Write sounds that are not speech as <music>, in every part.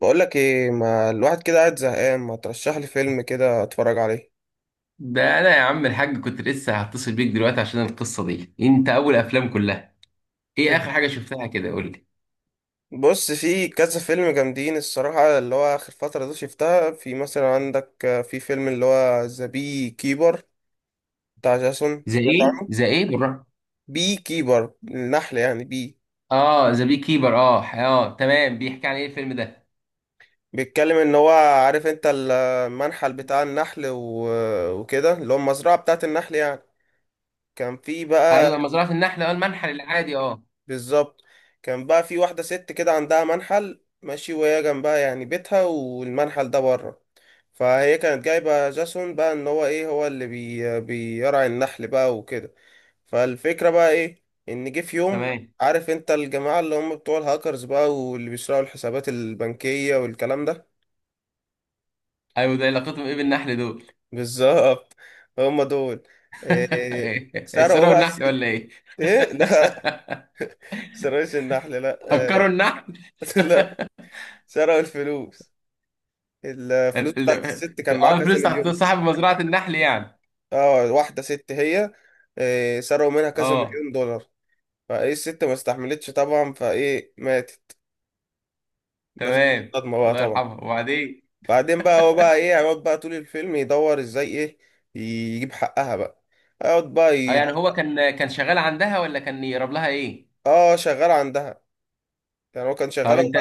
بقول لك ايه، ما الواحد كده قاعد زهقان، ما ترشح لي فيلم كده اتفرج عليه. ده انا يا عم الحاج، كنت لسه هتصل بيك دلوقتي عشان القصه دي. انت اول افلام كلها. ايه اخر <laughs> حاجه شفتها كده؟ قول لي. بص، في كذا فيلم جامدين الصراحة اللي هو آخر فترة دي شفتها. في مثلا عندك في فيلم اللي هو ذا بي كيبر بتاع جاسون، ذا سمعت ايه، عنه؟ ذا ايه؟ بالراحه. بي كيبر النحل يعني. اه، ذا بي كيبر. اه، اه، تمام. بيحكي عن ايه الفيلم ده؟ بيتكلم ان هو، عارف انت المنحل بتاع النحل و... وكده اللي هو المزرعة بتاعت النحل يعني. كان في بقى، ايوه، مزرعه النحل. اه، المنحل العادي. اه، بالظبط. كان بقى في واحدة ست كده عندها منحل ماشي، وهي جنبها يعني بيتها والمنحل ده بره. فهي كانت جايبة جاسون بقى ان هو ايه، هو اللي بيرعي النحل بقى وكده. فالفكرة بقى ايه، ان جه في يوم، تمام. عارف انت الجماعة اللي هم بتوع الهاكرز بقى واللي بيسرقوا الحسابات البنكية والكلام ده. ايوه، ده علاقتهم ايه بالنحل دول؟ <laughs> بالظبط، هم دول. إيه، إيه، سرقوا سرقوا بقى النحل الست. ولا ايه؟ ايه، لا <laughs> سرقوش النحل، لا هكروا إيه. النحل؟ <laughs> لا، سرقوا الفلوس. الفلوس بتاعت الست كان معاها كذا الفلوس بتاعت مليون. صاحب مزرعه النحل يعني. اه واحدة ست هي. سرقوا منها كذا اه، مليون دولار. فايه الست ما استحملتش طبعا، فايه ماتت، ماتت من تمام. الصدمة بقى الله طبعا. يرحمه، وبعدين؟ بعدين بقى هو بقى ايه، هيقعد بقى طول الفيلم يدور ازاي، ايه، يجيب حقها بقى. يقعد بقى اه، يد... يعني هو كان شغال عندها ولا كان يقرب لها ايه؟ اه شغال عندها، يعني هو كان طب شغال، هو انت.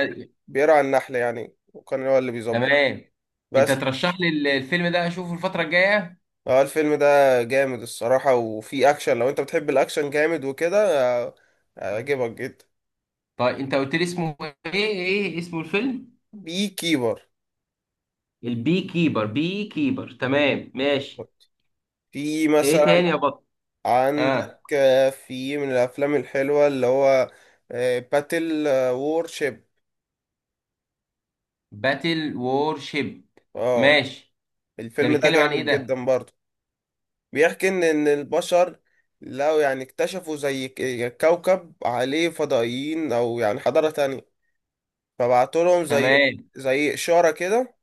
بيرعى النحل يعني، وكان هو اللي بيظبط تمام. انت بس. ترشح لي الفيلم ده اشوفه الفترة الجاية. اه الفيلم ده جامد الصراحة، وفيه اكشن، لو انت بتحب الاكشن جامد وكده آه، هيعجبك جدا. طيب، انت قلت لي اسمه ايه؟ ايه اسمه الفيلم؟ بي كيبر. البي كيبر، بي كيبر، تمام، ماشي. في ايه مثلا تاني يا بطل؟ اه، عندك في من الافلام الحلوه اللي هو باتل وورشيب. باتل وور شيب، اه ماشي. ده الفيلم ده بيتكلم عن ايه جامد ده؟ جدا برضه. بيحكي ان البشر لو يعني اكتشفوا زي كوكب عليه فضائيين، او يعني حضاره تانية، فبعتوا لهم زي تمام. اشاره كده،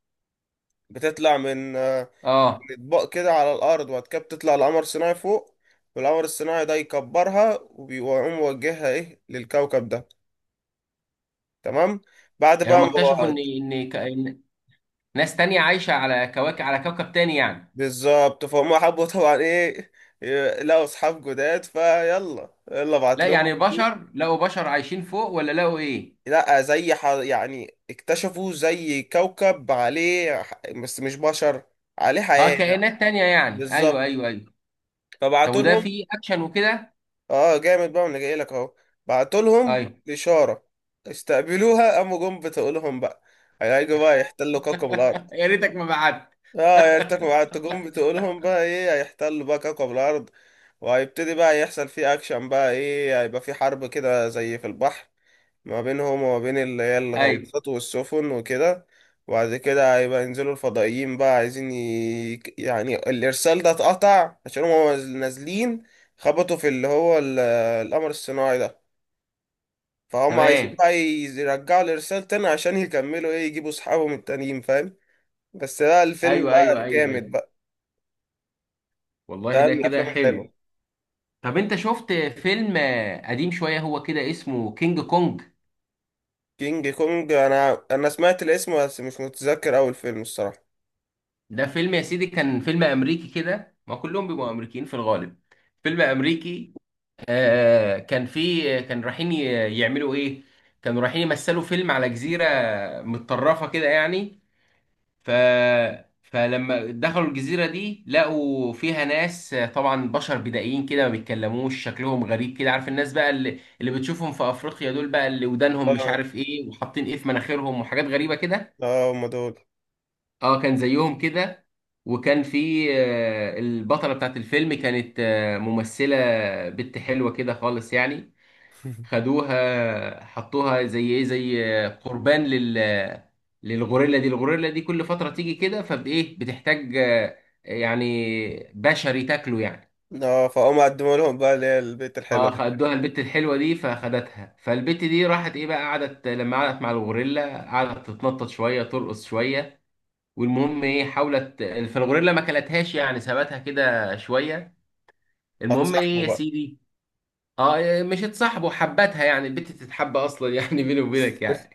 بتطلع من من اه، اطباق كده على الارض. وبعد كده بتطلع لقمر صناعي فوق، والقمر الصناعي ده يكبرها ويقوم موجهها ايه للكوكب ده. تمام. بعد يعني بقى هم ما اكتشفوا هو- ان ناس تانية عايشة على كواكب، على كوكب تاني يعني. بالظبط. فهم حبوا طبعا ايه، لقوا اصحاب جداد، فيلا، يلا بعت لا، لهم على يعني طول. بشر لقوا بشر عايشين فوق ولا لقوا ايه؟ لا، يعني اكتشفوا زي كوكب عليه بس مش بشر، عليه اه، حياة يعني. كائنات تانية يعني. ايوه، بالظبط، ايوه، ايوه. طب فبعتوا وده لهم. فيه اكشن وكده؟ اه جامد بقى، انا جاي لك اهو. بعتوا لهم ايوه. اشاره، استقبلوها، قاموا جم بتقولهم بقى هيجوا بقى يحتلوا كوكب الارض. يا ريتك ما بعت. اه يعني انت، بعتوا جم بتقولهم بقى ايه، هيحتلوا بقى كوكب الارض. وهيبتدي بقى يحصل فيه اكشن بقى، ايه، هيبقى في حرب كده زي في البحر، ما بينهم وما بين اللي هي ايوه، الغواصات والسفن وكده. وبعد كده هيبقى ينزلوا الفضائيين بقى عايزين يعني الإرسال ده اتقطع عشان هما نازلين خبطوا في اللي هو القمر الصناعي ده. فهم عايزين تمام. بقى يرجعوا الإرسال تاني عشان يكملوا، إيه، يجيبوا أصحابهم التانيين فاهم. بس ده الفيلم ايوه، ايوه، بقى ايوه، ايوه. جامد بقى، والله ده ده من كده الأفلام حلو. الحلوة. طب انت شفت فيلم قديم شويه هو كده اسمه كينج كونج؟ كينج كونج، أنا سمعت الاسم بس مش متذكر أول فيلم الصراحة. ده فيلم يا سيدي، كان فيلم امريكي كده، ما كلهم بيبقوا امريكيين في الغالب. فيلم امريكي. كان فيه، كان رايحين يعملوا ايه. كانوا رايحين يمثلوا فيلم على جزيره متطرفه كده يعني. ف فلما دخلوا الجزيرة دي، لقوا فيها ناس طبعا بشر بدائيين كده، ما بيتكلموش، شكلهم غريب كده. عارف الناس بقى اللي بتشوفهم في أفريقيا دول، بقى اللي ودانهم مش آه، عارف ايه، وحاطين ايه في مناخيرهم، وحاجات غريبة كده. آه هما دول. اه، كان زيهم كده. وكان في البطلة بتاعت الفيلم، كانت ممثلة، بنت حلوة كده خالص يعني. خدوها، حطوها زي ايه، زي قربان للغوريلا دي. الغوريلا دي كل فترة تيجي كده، فبايه بتحتاج يعني بشري تاكله يعني. اه فهم قدموا لهم بقى اللي هي البيت الحلوة دي. فخدوها البت الحلوة دي، فخدتها، فالبت دي راحت ايه بقى، قعدت، لما قعدت مع الغوريلا قعدت تتنطط شوية، ترقص شوية. والمهم ايه، حاولت، فالغوريلا ما كلتهاش يعني، سابتها كده شوية. المهم ايه هتصاحبوا يا بقى. سيدي. اه، مش اتصاحبوا، حبتها يعني، البت تتحب اصلا يعني. <laughs> بيني وبينك يعني.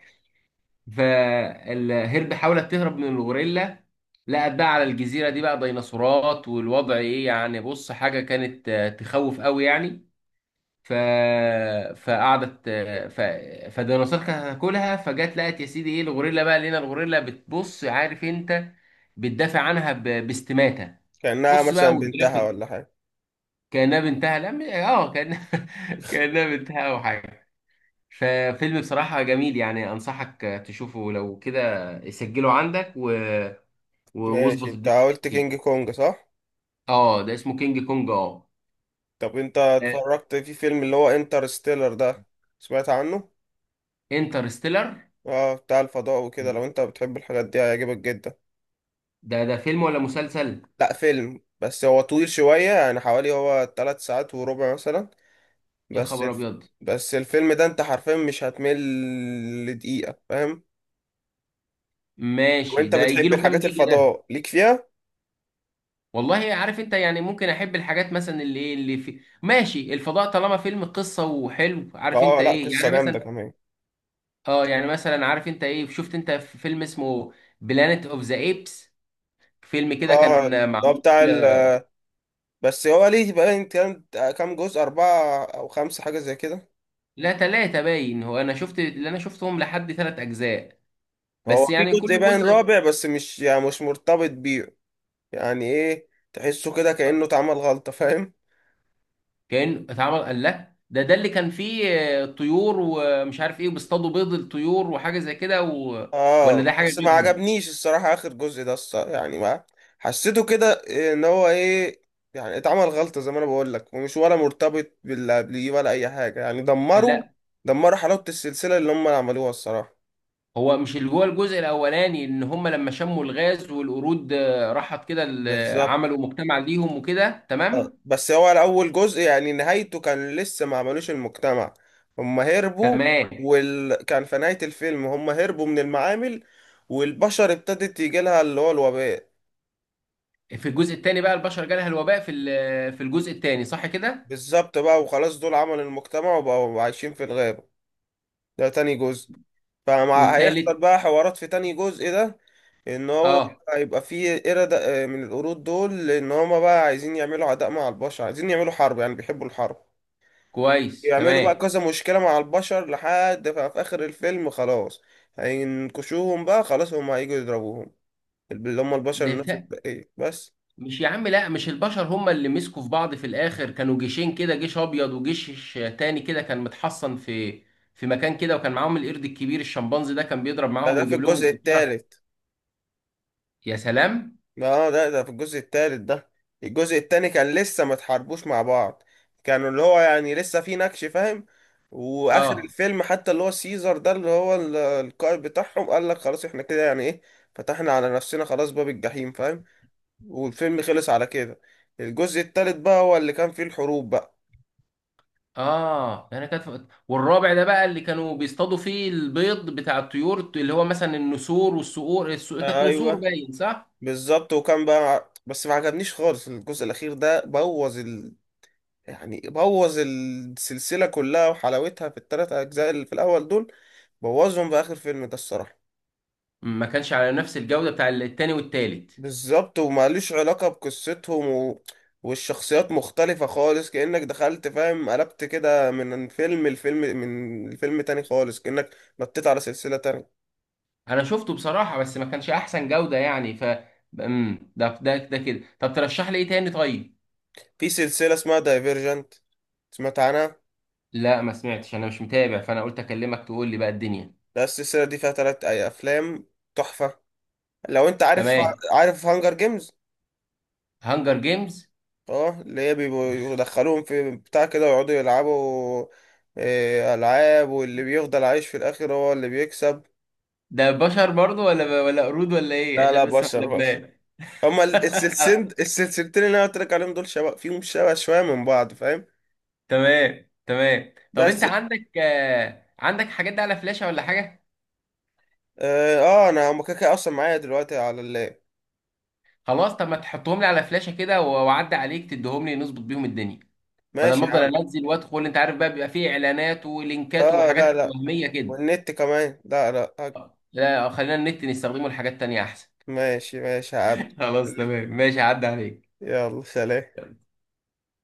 فالهرب، حاولت تهرب من الغوريلا، لقت بقى على الجزيرة دي بقى ديناصورات، والوضع ايه يعني، بص، حاجة كانت تخوف قوي يعني. ف... فقعدت فالديناصور كانت هتاكلها. فجت لقت يا سيدي ايه، الغوريلا، بقى لقينا الغوريلا بتبص، عارف انت، بتدافع عنها باستماتة. كأنها بص بقى مثلا بنتها ولا والجرافيك، حاجة. كأنها بنتها. لا، كأنها، <laughs> كأنها بنتها او حاجة. ففيلم بصراحة جميل يعني، أنصحك تشوفه، لو كده سجله عندك و- و- ماشي، واظبط انت الدنيا كده قلت فيه. كينج كونج صح؟ اه، ده اسمه كينج كونج، اه. طب انت اتفرجت في فيلم اللي هو انترستيلر ده، سمعت عنه؟ انترستيلر. اه بتاع الفضاء وكده، لو انت بتحب الحاجات دي هيعجبك جدا. ده فيلم ولا مسلسل؟ لا فيلم، بس هو طويل شوية يعني، حوالي هو 3 ساعات وربع مثلا. يا بس خبر الف... أبيض. بس الفيلم ده انت حرفيا مش هتمل لدقيقة، فاهم؟ ماشي، وانت ده يجي بتحب له كام الحاجات، جيجا ده؟ الفضاء ليك فيها؟ والله عارف انت يعني، ممكن احب الحاجات مثلا اللي ايه، اللي في، ماشي، الفضاء طالما فيلم قصة وحلو، عارف اه انت لا ايه قصة يعني، جامدة مثلا. كمان. اه، يعني مثلا، عارف انت ايه، شفت انت في فيلم اسمه بلانيت اوف ذا ايبس؟ فيلم كده اه كان هو معمول. بتاع بس هو ليه باين كام جزء، أربعة أو خمسة، حاجة زي كده. لا، تلاتة باين هو، انا شفت اللي انا شفتهم لحد تلات اجزاء، هو بس في يعني جزء كل باين جزء. رابع بس، مش يعني مش مرتبط بيه، يعني إيه، تحسه كده آه، كأنه اتعمل غلطة، فاهم. كان اتعمل، قال لا ده اللي كان فيه طيور ومش عارف ايه، بيصطادوا بيض الطيور وحاجة زي كده ولا ده اه حاجة بس ما غيرهم؟ عجبنيش الصراحة آخر جزء ده الصراحة، يعني ما، حسيته كده إن هو إيه، يعني اتعمل غلطة زي ما أنا بقول لك، ومش ولا مرتبط باللي قبليه ولا أي حاجة، يعني قال دمروا لا. دمروا حلاوة السلسلة اللي هم عملوها الصراحة. هو مش اللي هو الجزء الاولاني، ان هم لما شموا الغاز والقرود راحت كده بالظبط. عملوا مجتمع ليهم وكده، آه. تمام. بس هو اول جزء يعني نهايته كان لسه ما عملوش المجتمع، هم هربوا. تمام. كان في نهاية الفيلم هم هربوا من المعامل، والبشر ابتدت يجي لها اللي هو الوباء. في الجزء الثاني بقى البشر جالها الوباء في ال- آه، في الجزء الثاني، صح كده؟ بالظبط بقى، وخلاص دول عملوا المجتمع وبقوا عايشين في الغابة، ده تاني جزء. فمع والتالت. هيحصل بقى حوارات في تاني جزء ده، ان هو اه، هيبقى فيه قردة، من القرود دول، لان هما بقى عايزين يعملوا عداء مع البشر، عايزين يعملوا حرب، يعني بيحبوا الحرب. كويس، يعملوا بقى تمام. كذا مشكلة مع البشر لحد في آخر الفيلم، خلاص هينكشوهم بقى، خلاص هم هيجوا يضربوهم، اللي هم البشر الناس لف- الباقية بس. مش يا عم، لا، مش البشر هم اللي مسكوا في بعض في الاخر، كانوا جيشين كده، جيش ابيض وجيش تاني كده، كان متحصن في مكان كده، وكان معاهم القرد الكبير الشمبانزي ده، كان بيضرب ده, معاهم ده في ويجيب لهم الجزء الذخيره. التالت. يا سلام. اه ده في الجزء التالت ده، الجزء التاني كان لسه ما اتحاربوش مع بعض، كانوا اللي هو يعني لسه في نكش، فاهم. واخر اه، الفيلم حتى اللي هو سيزر ده اللي هو القائد بتاعهم قال لك خلاص احنا كده، يعني ايه، فتحنا على نفسنا خلاص باب الجحيم، فاهم. والفيلم خلص على كده. الجزء التالت بقى هو اللي كان فيه الحروب بقى. اه، انا كانت، والرابع ده بقى اللي كانوا بيصطادوا فيه البيض بتاع الطيور اللي هو مثلا النسور والصقور، الصقور كانت نسور ايوه، باين، صح؟ بالظبط. وكان بقى، بس ما عجبنيش خالص الجزء الأخير ده، يعني بوظ السلسلة كلها وحلاوتها في التلات أجزاء اللي في الأول دول. بوظهم في آخر فيلم ده الصراحة. ما كانش على نفس الجوده بتاع التاني والتالت. بالظبط، وماليش علاقة بقصتهم و... والشخصيات مختلفة خالص، كأنك دخلت، فاهم، قلبت كده من فيلم لفيلم، من الفيلم تاني خالص، كأنك نطيت على سلسلة تانية. انا شفته بصراحة بس ما كانش احسن جودة يعني، ده كده. طب ترشح لي ايه تاني؟ طيب. في سلسلة اسمها دايفيرجنت، سمعت عنها. لا، ما سمعتش، انا مش متابع، فانا قلت اكلمك تقول لي بقى الدنيا. لا، السلسلة دي فيها تلات أي أفلام تحفة. لو أنت عارف، تمام. عارف هانجر جيمز. هانجر جيمز. اه اللي هي بيبقوا يدخلوهم في بتاع كده ويقعدوا يلعبوا، إيه، ألعاب، واللي بيفضل عايش في الآخر هو اللي بيكسب. ده بشر برضو ولا قرود ولا ايه؟ لا لا، عشان بس ما بشر بس. قلبناش. هما السلسلتين <laughs> السلسلتين اللي أنا قلت لك عليهم دول، شبه فيهم شبه شوية من بعض، فاهم. تمام، تمام. طب انت بس، عندك حاجات دي على فلاشة ولا حاجة؟ اه أنا هما كده كده أصلا معايا دلوقتي على اللاب. خلاص، طب ما تحطهم لي على فلاشة كده واعدي عليك تديهم لي، نظبط بيهم الدنيا. بدل ما ماشي يا افضل عم. انزل وادخل، انت عارف بقى، بيبقى فيه اعلانات ولينكات اه وحاجات لا لا وهميه كده. والنت كمان، لا لا لا، خلينا النت نستخدمه لحاجات تانية احسن. ماشي ماشي يا عبد. <laughs> خلاص، تمام، ماشي، عدى عليك. يلا، سلام.